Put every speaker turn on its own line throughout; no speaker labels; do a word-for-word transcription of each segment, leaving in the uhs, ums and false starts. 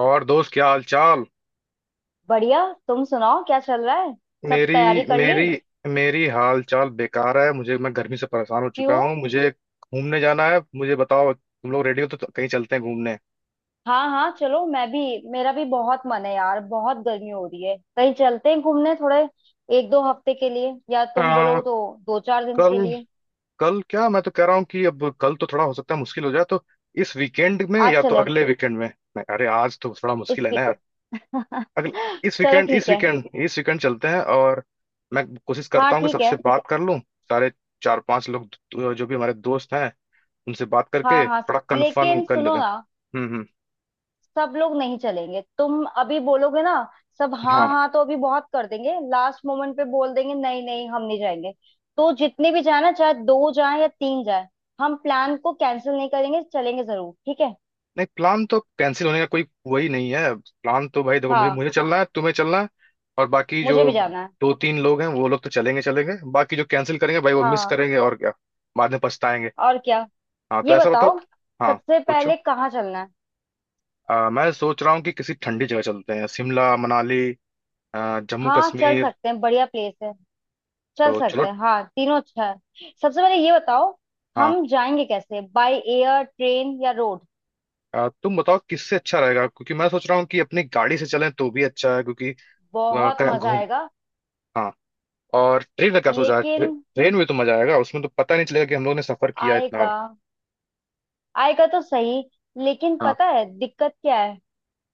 और दोस्त क्या हाल चाल।
बढ़िया। तुम सुनाओ क्या चल रहा है। सब
मेरी
तैयारी कर ली?
मेरी मेरी हाल चाल बेकार है मुझे, मैं गर्मी से परेशान हो चुका
क्यों?
हूँ। मुझे घूमने जाना है। मुझे बताओ तुम लोग रेडी हो तो कहीं चलते हैं घूमने।
हाँ हाँ, चलो मैं भी। मेरा भी बहुत मन है यार, बहुत गर्मी हो रही है। कहीं चलते हैं घूमने थोड़े, एक दो हफ्ते के लिए, या तुम
आ,
बोलो तो दो चार दिन
कल
के लिए।
कल क्या, मैं तो कह रहा हूँ कि अब कल तो थोड़ा हो सकता है मुश्किल हो जाए, तो इस वीकेंड में
आज
या तो
चले?
अगले वीकेंड में। नहीं, अरे आज तो थोड़ा
इस
मुश्किल है ना यार।
वीक?
अगले इस
चलो
वीकेंड इस
ठीक है।
वीकेंड इस वीकेंड चलते हैं। और मैं कोशिश
हाँ
करता हूँ कि
ठीक
सबसे
है।
बात कर लूँ। सारे चार पांच लोग जो भी हमारे दोस्त हैं उनसे बात
हाँ
करके
हाँ।
थोड़ा कंफर्म
लेकिन
कर
सुनो
लेते हैं।
ना,
हम्म, हम्म।
सब लोग नहीं चलेंगे, तुम अभी बोलोगे ना सब हाँ
हाँ।
हाँ, तो अभी बहुत कर देंगे, लास्ट मोमेंट पे बोल देंगे नहीं नहीं हम नहीं जाएंगे। तो जितने भी जाए ना, चाहे दो जाए या तीन जाए, हम प्लान को कैंसिल नहीं करेंगे, चलेंगे जरूर ठीक है।
नहीं, प्लान तो कैंसिल होने का कोई वही नहीं है। प्लान तो भाई देखो, मुझे
हाँ,
मुझे चलना है, तुम्हें चलना है। और बाकी
मुझे
जो
भी जाना है।
दो तीन लोग हैं वो लोग तो चलेंगे चलेंगे। बाकी जो कैंसिल करेंगे भाई वो मिस
हाँ,
करेंगे और क्या, बाद में पछताएंगे।
और क्या।
हाँ तो
ये
ऐसा बताओ।
बताओ,
हाँ,
सबसे
पूछो।
पहले कहाँ चलना है।
अ, मैं सोच रहा हूँ कि किसी ठंडी जगह चलते हैं, शिमला, मनाली, अ, जम्मू
हाँ चल
कश्मीर।
सकते हैं, बढ़िया प्लेस है। चल
तो चलो।
सकते हैं, हाँ तीनों अच्छा है। सबसे पहले ये बताओ,
हाँ,
हम जाएंगे कैसे, बाय एयर, ट्रेन या रोड।
अ, तुम बताओ किससे अच्छा रहेगा, क्योंकि मैं सोच रहा हूँ कि अपनी गाड़ी से चलें तो भी अच्छा है, क्योंकि
बहुत
अ,
मजा
घूम।
आएगा।
हाँ। और ट्रेन का क्या सोचा है? ट्रे,
लेकिन
ट्रेन में तो मजा आएगा, उसमें तो पता नहीं चलेगा कि हम लोग ने सफर किया
आय
इतना।
का आय का तो सही। लेकिन
हाँ।
पता है दिक्कत क्या है,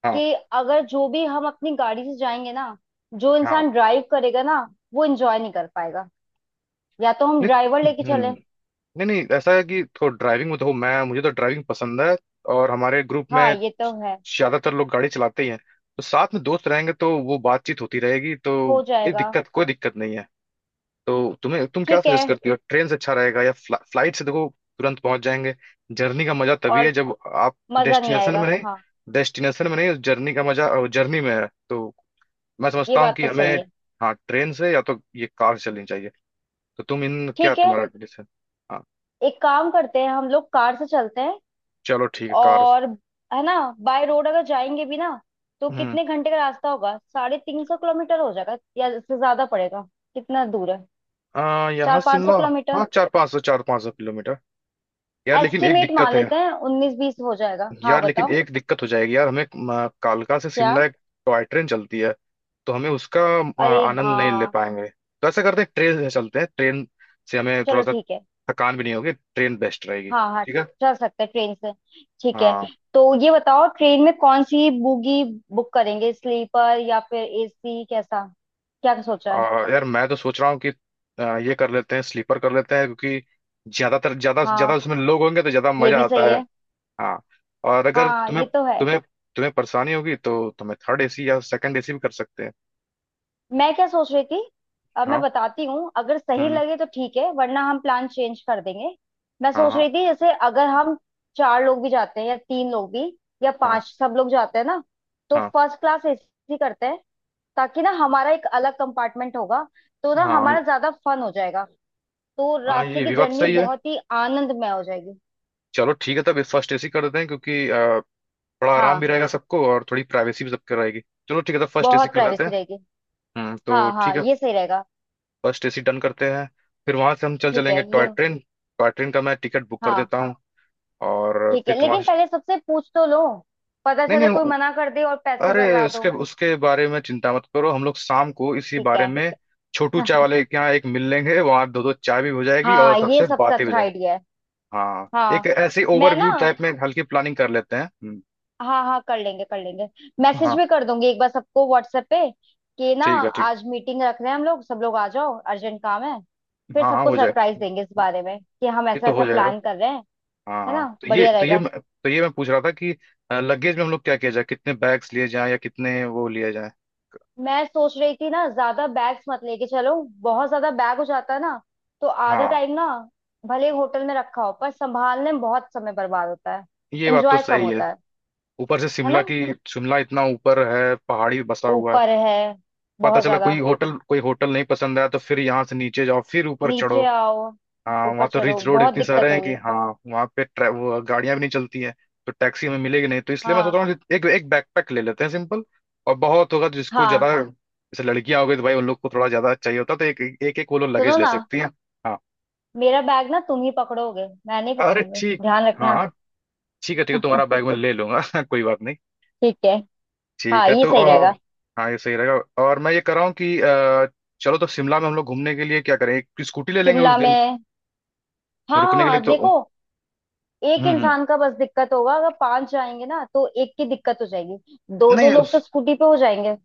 हाँ।
कि अगर जो भी हम अपनी गाड़ी से जाएंगे ना, जो
हाँ।
इंसान ड्राइव करेगा ना, वो एंजॉय नहीं कर पाएगा। या तो हम ड्राइवर
नहीं।
लेके
हम्म,
चले।
नहीं नहीं, ऐसा है कि तो ड्राइविंग में तो हूँ मैं, मुझे तो ड्राइविंग पसंद है। और हमारे ग्रुप
हाँ
में
ये तो है।
ज्यादातर लोग गाड़ी चलाते ही हैं। तो साथ में दोस्त रहेंगे तो वो बातचीत होती रहेगी तो
हो
कोई
जाएगा।
दिक्कत, कोई दिक्कत नहीं है। तो तुम्हें, तुम क्या
ठीक है,
सजेस्ट करती हो, ट्रेन से अच्छा रहेगा या फ्ला, फ्लाइट से? देखो, तुरंत पहुंच जाएंगे। जर्नी का मजा तभी है
और
जब आप
मजा नहीं
डेस्टिनेशन
आएगा,
में नहीं।
हाँ।
डेस्टिनेशन में नहीं, जर्नी का मजा जर्नी में है। तो मैं
ये
समझता हूँ
बात
कि
तो
हमें,
सही है।
हाँ, ट्रेन से या तो ये कार से चलनी चाहिए। तो तुम इन क्या,
ठीक है,
तुम्हारा डिसीजन। हाँ,
एक काम करते हैं, हम लोग कार से चलते हैं।
चलो ठीक है कार।
और है ना, बाय रोड अगर जाएंगे भी ना, तो
हम्म।
कितने घंटे का रास्ता होगा, साढ़े तीन सौ किलोमीटर हो जाएगा या इससे ज्यादा पड़ेगा? कितना दूर है?
आ,
चार
यहाँ
पाँच सौ
शिमला।
किलोमीटर
हाँ, चार पाँच सौ चार पाँच सौ किलोमीटर। यार लेकिन एक
एस्टिमेट मान
दिक्कत है।
लेते हैं उन्नीस बीस हो जाएगा। हाँ
यार लेकिन
बताओ।
एक दिक्कत हो जाएगी यार, हमें अ, कालका से
क्या?
शिमला एक टॉय ट्रेन चलती है, तो हमें उसका अ,
अरे,
आनंद नहीं ले
हाँ
पाएंगे। तो ऐसा करते हैं ट्रेन से चलते हैं, ट्रेन से हमें थोड़ा
चलो
सा
ठीक है।
थकान भी नहीं होगी, ट्रेन बेस्ट रहेगी।
हाँ हाँ
ठीक है।
चल सकते हैं ट्रेन से। ठीक है।
हाँ।
तो ये बताओ, ट्रेन में कौन सी बोगी बुक करेंगे, स्लीपर या फिर एसी, कैसा क्या सोचा
अ,
है।
यार मैं तो सोच रहा हूँ कि अ, ये कर लेते हैं, स्लीपर कर लेते हैं, क्योंकि ज्यादातर ज्यादा ज्यादा
हाँ
उसमें लोग होंगे तो ज्यादा
ये
मजा
भी
आता
सही
है।
है।
हाँ। और अगर
हाँ
तुम्हें
ये तो है।
तुम्हें तुम्हें परेशानी होगी तो तुम्हें थर्ड एसी या सेकंड एसी भी कर सकते हैं।
मैं क्या सोच रही थी, अब मैं
हाँ।
बताती हूँ, अगर सही
हम्म।
लगे तो ठीक है वरना हम प्लान चेंज कर देंगे। मैं
हाँ।
सोच
हाँ।
रही थी, जैसे अगर हम चार लोग भी जाते हैं या तीन लोग भी, या
हाँ।
पांच सब लोग जाते हैं ना, तो
हाँ।
फर्स्ट क्लास एसी करते हैं। ताकि ना, हमारा एक अलग कंपार्टमेंट होगा, तो ना
हाँ।
हमारा ज्यादा फन हो जाएगा। तो
हाँ।
रास्ते
ये
की
भी बात
जर्नी
सही है।
बहुत ही आनंदमय हो जाएगी।
चलो ठीक है, तब ये फर्स्ट एसी कर देते हैं, क्योंकि अ, थोड़ा आराम भी
हाँ,
रहेगा सबको और थोड़ी प्राइवेसी भी सबकी रहेगी। चलो ठीक है, तब फर्स्ट एसी
बहुत
कर देते
प्राइवेसी
हैं।
रहेगी।
हम्म, तो
हाँ हाँ
ठीक है,
ये सही रहेगा।
फर्स्ट एसी डन करते हैं। फिर वहां से हम चल
ठीक
चलेंगे
है
टॉय
ये।
ट्रेन, टॉय ट्रेन का मैं टिकट बुक कर
हाँ
देता हूँ। और
ठीक है,
फिर वहां
लेकिन
से,
पहले सबसे पूछ तो लो, पता
नहीं
चले कोई
नहीं,
मना कर दे और पैसे
अरे
बर्बाद
उसके
हो।
उसके बारे में चिंता मत करो, हम लोग शाम को इसी
ठीक
बारे
है।
में छोटू चाय वाले के यहाँ एक मिल लेंगे, वहां दो दो चाय भी हो जाएगी और
हाँ ये
सबसे
सबसे
बातें भी हो
अच्छा
जाएंगी।
आइडिया है।
हाँ, एक
हाँ।
ऐसी
मैं
ओवरव्यू
ना,
टाइप में हल्की प्लानिंग कर लेते हैं। हम्म।
हाँ हाँ कर लेंगे कर लेंगे, मैसेज
हाँ।
भी कर दूंगी एक बार सबको व्हाट्सएप पे, कि ना
ठीक है, ठीक।
आज मीटिंग रख रहे हैं हम लोग, सब लोग आ जाओ, अर्जेंट काम है। फिर
हाँ हाँ,
सबको
हो
सरप्राइज
जाएगा,
देंगे इस बारे में कि हम
ये
ऐसा
तो हो
ऐसा
जाएगा।
प्लान कर रहे हैं।
हाँ
है
हाँ,
ना
तो ये
बढ़िया
तो ये
रहेगा।
मैं- तो ये मैं पूछ रहा था कि लगेज में हम लोग क्या किया जाए, कितने बैग्स लिए जाएं या कितने वो लिए जाएं।
मैं सोच रही थी ना, ज्यादा बैग्स मत लेके चलो। बहुत ज्यादा बैग हो जाता है ना, तो आधा
हाँ,
टाइम ना भले होटल में रखा हो, पर संभालने में बहुत समय बर्बाद होता है।
ये बात तो
एंजॉय कम
सही है।
होता है
ऊपर से
है
शिमला
ना।
की, शिमला इतना ऊपर है, पहाड़ी बसा हुआ है।
ऊपर है,
पता
बहुत
चला
ज्यादा।
कोई होटल कोई होटल नहीं पसंद आया तो फिर यहाँ से नीचे जाओ फिर ऊपर चढ़ो।
नीचे आओ,
हाँ, वहाँ
ऊपर
तो
चढ़ो,
रिच रोड
बहुत
इतने सारे
दिक्कत
हैं कि,
होगी।
हाँ, वहाँ पे ट्रै- वो गाड़ियाँ भी नहीं चलती हैं, तो टैक्सी हमें मिलेगी नहीं। तो इसलिए मैं सोच
हाँ
रहा हूँ कि एक एक बैकपैक ले लेते हैं सिंपल। और बहुत होगा तो जिसको
हाँ।
ज्यादा, जैसे लड़कियां हो गई तो भाई उन लोग को थोड़ा ज्यादा चाहिए होता है, तो एक एक एक वो लोग
सुनो
लगेज ले
ना,
सकती हैं। हाँ,
मेरा बैग ना तुम ही पकड़ोगे, मैं नहीं
अरे
पकड़ूंगी,
ठीक,
ध्यान
हाँ
रखना।
हाँ, ठीक है ठीक है, तुम्हारा बैग मैं ले लूंगा कोई बात नहीं।
ठीक है।
ठीक
हाँ
है
ये
तो
सही
अ,
रहेगा।
हाँ ये सही रहेगा। और मैं ये कर रहा हूँ कि अ, चलो, तो शिमला में हम लोग घूमने के लिए क्या करें, एक स्कूटी ले लेंगे उस
शिमला
दिन।
में?
रुकने के लिए
हाँ
तो,
देखो, एक
हम्म, हम्म।
इंसान का बस दिक्कत होगा, अगर पांच जाएंगे ना तो एक की दिक्कत हो जाएगी, दो दो
नहीं,
लोग तो स्कूटी पे हो जाएंगे।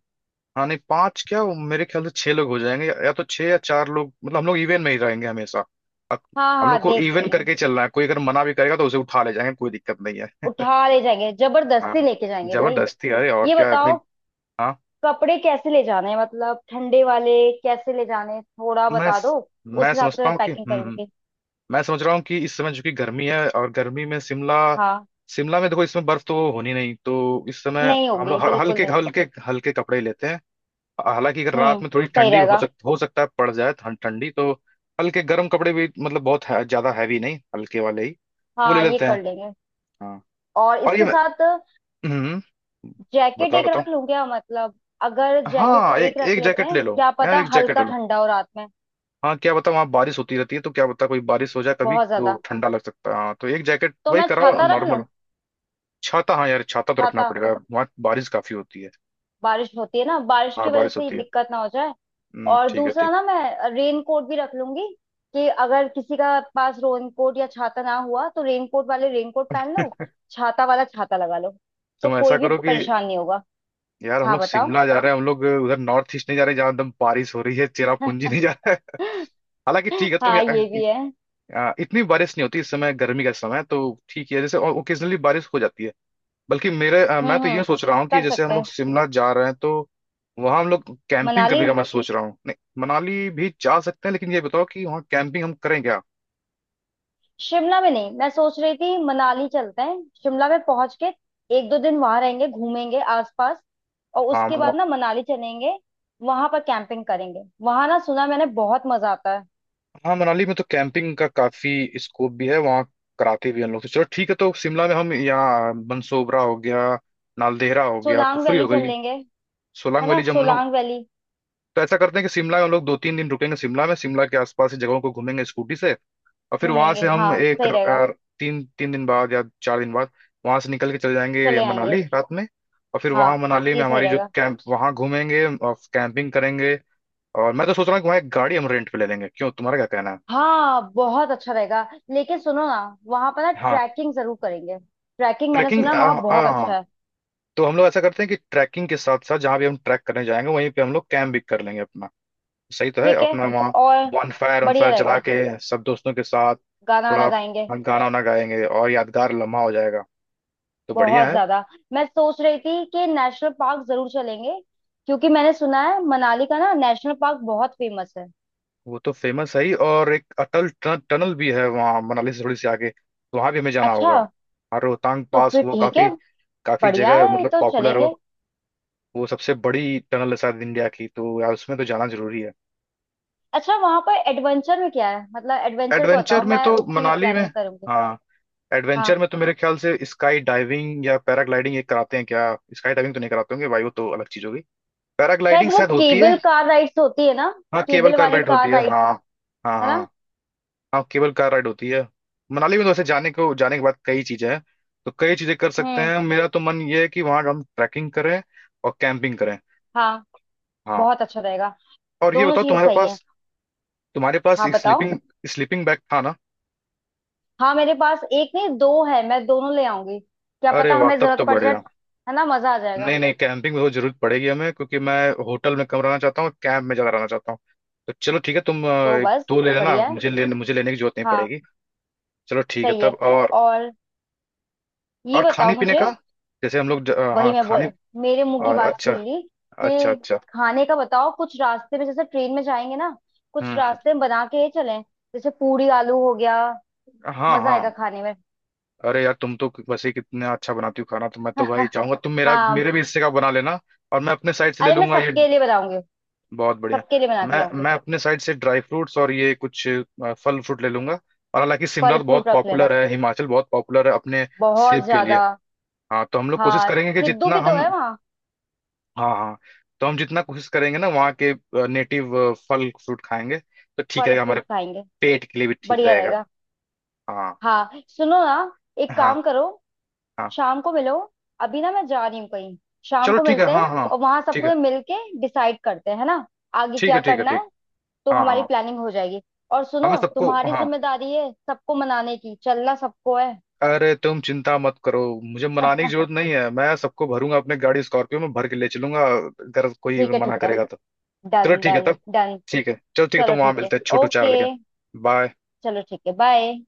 हाँ नहीं, पांच क्या, वो मेरे ख्याल से छह लोग हो जाएंगे, या, या तो छह या चार लोग, मतलब हम लोग इवन में ही रहेंगे हमेशा। अब
हाँ
हम
हाँ
लोग को
देख
इवन
लेंगे।
करके ही चलना है, कोई अगर मना भी करेगा तो उसे उठा ले जाएंगे, कोई दिक्कत नहीं है।
उठा ले जाएंगे, जबरदस्ती
हाँ,
लेके जाएंगे भाई।
जबरदस्ती, अरे और
ये
क्या इतनी।
बताओ,
हाँ।
कपड़े कैसे ले जाने हैं, मतलब ठंडे वाले कैसे ले जाने हैं? थोड़ा
मैं
बता दो,
मैं
उस हिसाब से
समझता
मैं
हूँ कि,
पैकिंग
हम्म हम्म,
करूंगी।
मैं समझ रहा हूँ कि इस समय चूंकि गर्मी है और गर्मी में शिमला,
हाँ,
शिमला में देखो इसमें बर्फ तो होनी नहीं, तो इस समय
नहीं
हम
होगी
लोग ह-
बिल्कुल
हल्के
नहीं।
हल्के, हल्के कपड़े ही लेते हैं। हालांकि अगर रात
हम्म
में थोड़ी
सही
ठंडी हो
रहेगा।
सक हो सकता है पड़ जाए ठं- ठंडी तो हल्के गर्म कपड़े भी, मतलब बहुत है, ज्यादा हैवी नहीं, हल्के वाले ही वो ले
हाँ ये
लेते
कर
हैं।
लेंगे।
हाँ।
और
और ये
इसके
मैं,
साथ
हम्म,
जैकेट
बताओ
एक
बताओ।
रख लूं क्या, मतलब अगर जैकेट
हाँ, एक
एक रख
एक
लेते
जैकेट
हैं,
ले लो,
क्या
यार
पता
एक जैकेट ले
हल्का
लो।
ठंडा हो रात में।
हाँ, क्या बताओ वहाँ बारिश होती रहती है, तो क्या बताओ कोई बारिश हो जाए कभी
बहुत
तो
ज्यादा।
ठंडा लग सकता है, हाँ तो एक जैकेट
तो
वही
मैं
कराओ
छाता रख लूं?
नॉर्मल। छाता, हाँ यार, छाता तो रखना
छाता,
पड़ेगा, वहाँ बारिश काफी होती है।
बारिश होती है ना, बारिश
हाँ
की वजह
बारिश
से ये
होती है।
दिक्कत ना हो जाए।
हम्म,
और
ठीक है,
दूसरा
ठीक।
ना, मैं रेन कोट भी रख लूंगी, कि अगर किसी का पास रेन कोट या छाता ना हुआ तो रेन कोट वाले रेन कोट पहन लो, छाता वाला छाता लगा लो, तो
तुम
कोई
ऐसा
भी
करो कि,
परेशान नहीं होगा।
यार हम
हाँ
लोग
बताओ।
शिमला जा रहे हैं, हम लोग उधर नॉर्थ ईस्ट नहीं जा रहे जहाँ एकदम बारिश हो रही है, चेरापूंजी नहीं जा रहा है हालांकि ठीक है, तुम
हाँ ये
यहाँ-
भी है।
अ, इतनी बारिश नहीं होती, इस समय गर्मी का समय है, तो ठीक है, जैसे ओकेजनली बारिश हो जाती है। बल्कि मेरे अ, मैं
हम्म
तो
हम्म,
ये सोच रहा हूँ कि
कर
जैसे हम
सकते
लोग
हैं।
शिमला जा रहे हैं तो वहाँ हम लोग कैंपिंग
मनाली,
करने का मैं सोच रहा हूँ। नहीं, मनाली भी जा सकते हैं, लेकिन ये बताओ कि वहाँ कैंपिंग हम करें क्या।
शिमला में नहीं। मैं सोच रही थी मनाली चलते हैं, शिमला में पहुंच के एक दो दिन वहां रहेंगे घूमेंगे आसपास, और
हाँ
उसके बाद ना मनाली चलेंगे। वहां पर कैंपिंग करेंगे, वहां ना सुना मैंने बहुत मजा आता है।
हाँ, मनाली में तो कैंपिंग का काफी स्कोप भी है वहाँ, कराते भी हैं लोग। तो चलो ठीक है, तो शिमला में हम यहाँ बंसोबरा हो गया, नालदेहरा हो गया,
सोलांग
कुफरी
वैली
हो
चल
गई,
लेंगे, है
सोलांग वैली,
ना
जब हम लोग,
सोलांग वैली।
तो ऐसा करते हैं कि शिमला में हम लोग दो तीन दिन रुकेंगे, शिमला में, शिमला के आसपास की जगहों को घूमेंगे स्कूटी से। और फिर वहां
घूमेंगे
से
हाँ,
हम एक
सही रहेगा।
अ, तीन तीन दिन बाद या चार दिन बाद वहां से निकल के चले जाएंगे
चले आएंगे।
मनाली, रात में। और फिर वहां
हाँ
मनाली में
ये सही
हमारी जो
रहेगा।
कैंप, वहां घूमेंगे और कैंपिंग करेंगे। और मैं तो सोच रहा हूँ कि वहाँ एक गाड़ी हम रेंट पे ले लेंगे, क्यों, तुम्हारा क्या कहना
हाँ बहुत अच्छा रहेगा, लेकिन सुनो ना, वहां पर ना
है।
ट्रैकिंग जरूर करेंगे। ट्रैकिंग मैंने
ट्रैकिंग,
सुना वहां
हाँ
बहुत अच्छा
हाँ,
है।
तो हम लोग ऐसा करते हैं कि ट्रैकिंग के साथ साथ जहाँ भी हम ट्रैक करने जाएंगे वहीं पे हम लोग कैंप भी कर लेंगे अपना। सही तो है,
ठीक है।
अपना वहाँ
और
वन फायर वन
बढ़िया
फायर जला
रहेगा।
के सब दोस्तों के साथ
गाना
थोड़ा
वाना गाएंगे।
गाना वाना गाएंगे और यादगार लम्हा हो जाएगा। तो बढ़िया
बहुत
है।
ज्यादा। मैं सोच रही थी कि नेशनल पार्क जरूर चलेंगे, क्योंकि मैंने सुना है मनाली का ना नेशनल पार्क बहुत फेमस है।
वो तो फेमस है ही, और एक अटल टन, टनल भी है वहाँ मनाली से थोड़ी सी आगे, तो वहाँ भी हमें जाना
अच्छा,
होगा। और रोहतांग
तो
पास,
फिर
वो
ठीक
काफी
है।
काफी
बढ़िया
जगह
है
मतलब
तो
पॉपुलर हो,
चलेंगे।
वो सबसे बड़ी टनल है शायद इंडिया की, तो यार उसमें तो जाना जरूरी है।
अच्छा, वहां पर एडवेंचर में क्या है, मतलब एडवेंचर को
एडवेंचर
बताओ
में
मैं
तो
उसकी भी
मनाली में,
प्लानिंग करूंगी।
हाँ, एडवेंचर
हाँ।
में तो मेरे ख्याल से स्काई डाइविंग या पैराग्लाइडिंग ये कराते हैं क्या। स्काई डाइविंग तो नहीं कराते होंगे भाई, वो तो अलग चीज होगी।
शायद
पैराग्लाइडिंग
वो
शायद होती है।
केबल कार राइड्स होती है ना।
हाँ, केबल
केबल
कार
वाली
राइड होती
कार
है,
राइड्स,
हाँ हाँ,
है
हाँ
ना।
हाँ, केबल कार राइड होती है। मनाली में तो वैसे जाने को, जाने के बाद कई चीजें हैं, तो कई चीजें कर सकते
हम्म।
हैं। मेरा तो मन ये है कि वहाँ हम ट्रैकिंग करें और कैंपिंग करें।
हाँ
हाँ।
बहुत अच्छा रहेगा।
और ये
दोनों
बताओ
चीज
तुम्हारे
सही है।
पास, तुम्हारे पास
हाँ
एक
बताओ।
स्लीपिंग, स्लीपिंग बैग था ना।
हाँ मेरे पास एक नहीं दो है, मैं दोनों ले आऊंगी, क्या
अरे
पता
वाह,
हमें
तब
जरूरत
तो
पड़ जाए।
बढ़िया।
है ना मजा आ जाएगा।
नहीं नहीं, कैंपिंग में वो जरूरत पड़ेगी हमें, क्योंकि मैं होटल में कम रहना चाहता हूँ, कैंप में ज्यादा रहना चाहता हूँ। तो चलो ठीक है, तुम अ,
तो
एक
बस,
दो ले लेना,
बढ़िया है।
मुझे ले मुझे लेने की जरूरत नहीं
हाँ
पड़ेगी। चलो ठीक है
सही है।
तब। और
और ये
और खाने
बताओ
पीने
मुझे,
का, जैसे हम लोग ज- अ,
वही
हाँ
मैं
खाने,
बोल मेरे मुंह
अ,
की बात
अच्छा,
छीन ली,
अच्छा
कि
अच्छा।
खाने का बताओ, कुछ रास्ते में जैसे ट्रेन में जाएंगे ना, कुछ
हम्म हम्म,
रास्ते में बना के ही चलें। जैसे पूरी आलू हो गया,
हाँ
मजा आएगा
हाँ,
खाने में।
अरे यार तुम तो वैसे ही कितना अच्छा बनाती हो खाना, तो मैं तो भाई चाहूंगा तुम मेरा
हाँ।
मेरे भी हिस्से का बना लेना और मैं अपने साइड से ले
अरे मैं
लूंगा ये।
सबके लिए बनाऊंगी,
बहुत बढ़िया।
सबके लिए बना के
मैं
लाऊंगी।
मैं अपने साइड से ड्राई फ्रूट्स और ये कुछ अ, फल फ्रूट ले लूंगा। और हालांकि शिमला
फल
तो बहुत
फ्रूट रख लेना,
पॉपुलर है, हिमाचल बहुत पॉपुलर है अपने
बहुत
सेब के
ज्यादा।
लिए। हाँ, तो हम लोग कोशिश
हाँ
करेंगे कि
सिद्धू
जितना
भी तो
हम,
है वहाँ।
हाँ हाँ, तो हम जितना कोशिश करेंगे ना वहाँ के नेटिव फल फ्रूट खाएंगे तो ठीक
फल
रहेगा, हमारे
फ्रूट खाएंगे,
पेट के लिए भी ठीक
बढ़िया
रहेगा।
रहेगा।
हाँ।
हाँ सुनो ना, एक
हाँ,
काम करो,
हाँ।
शाम को मिलो। अभी ना मैं जा रही हूँ कहीं, शाम
चलो
को
ठीक है।
मिलते हैं।
हाँ हाँ।
और वहां सब
ठीक है,
पूरे मिल के डिसाइड करते हैं, है ना, आगे
ठीक है,
क्या
ठीक है,
करना
ठीक।
है, तो
हाँ
हमारी
हाँ।
प्लानिंग हो जाएगी। और
हमें
सुनो,
सबको,
तुम्हारी
हाँ,
जिम्मेदारी है सबको मनाने की, चलना सबको है।
अरे तुम चिंता मत करो, मुझे मनाने की
ठीक
जरूरत नहीं है, मैं सबको भरूंगा अपने गाड़ी स्कॉर्पियो में भर के ले चलूंगा, अगर कोई
है, ठीक
मना
है।
करेगा तो। चलो
डन
ठीक है
डन
तब।
डन।
ठीक है, चलो ठीक है
चलो
तब, वहां
ठीक है।
मिलते हैं छोटू चाय
ओके।
वाले के। बाय।
चलो ठीक है, बाय।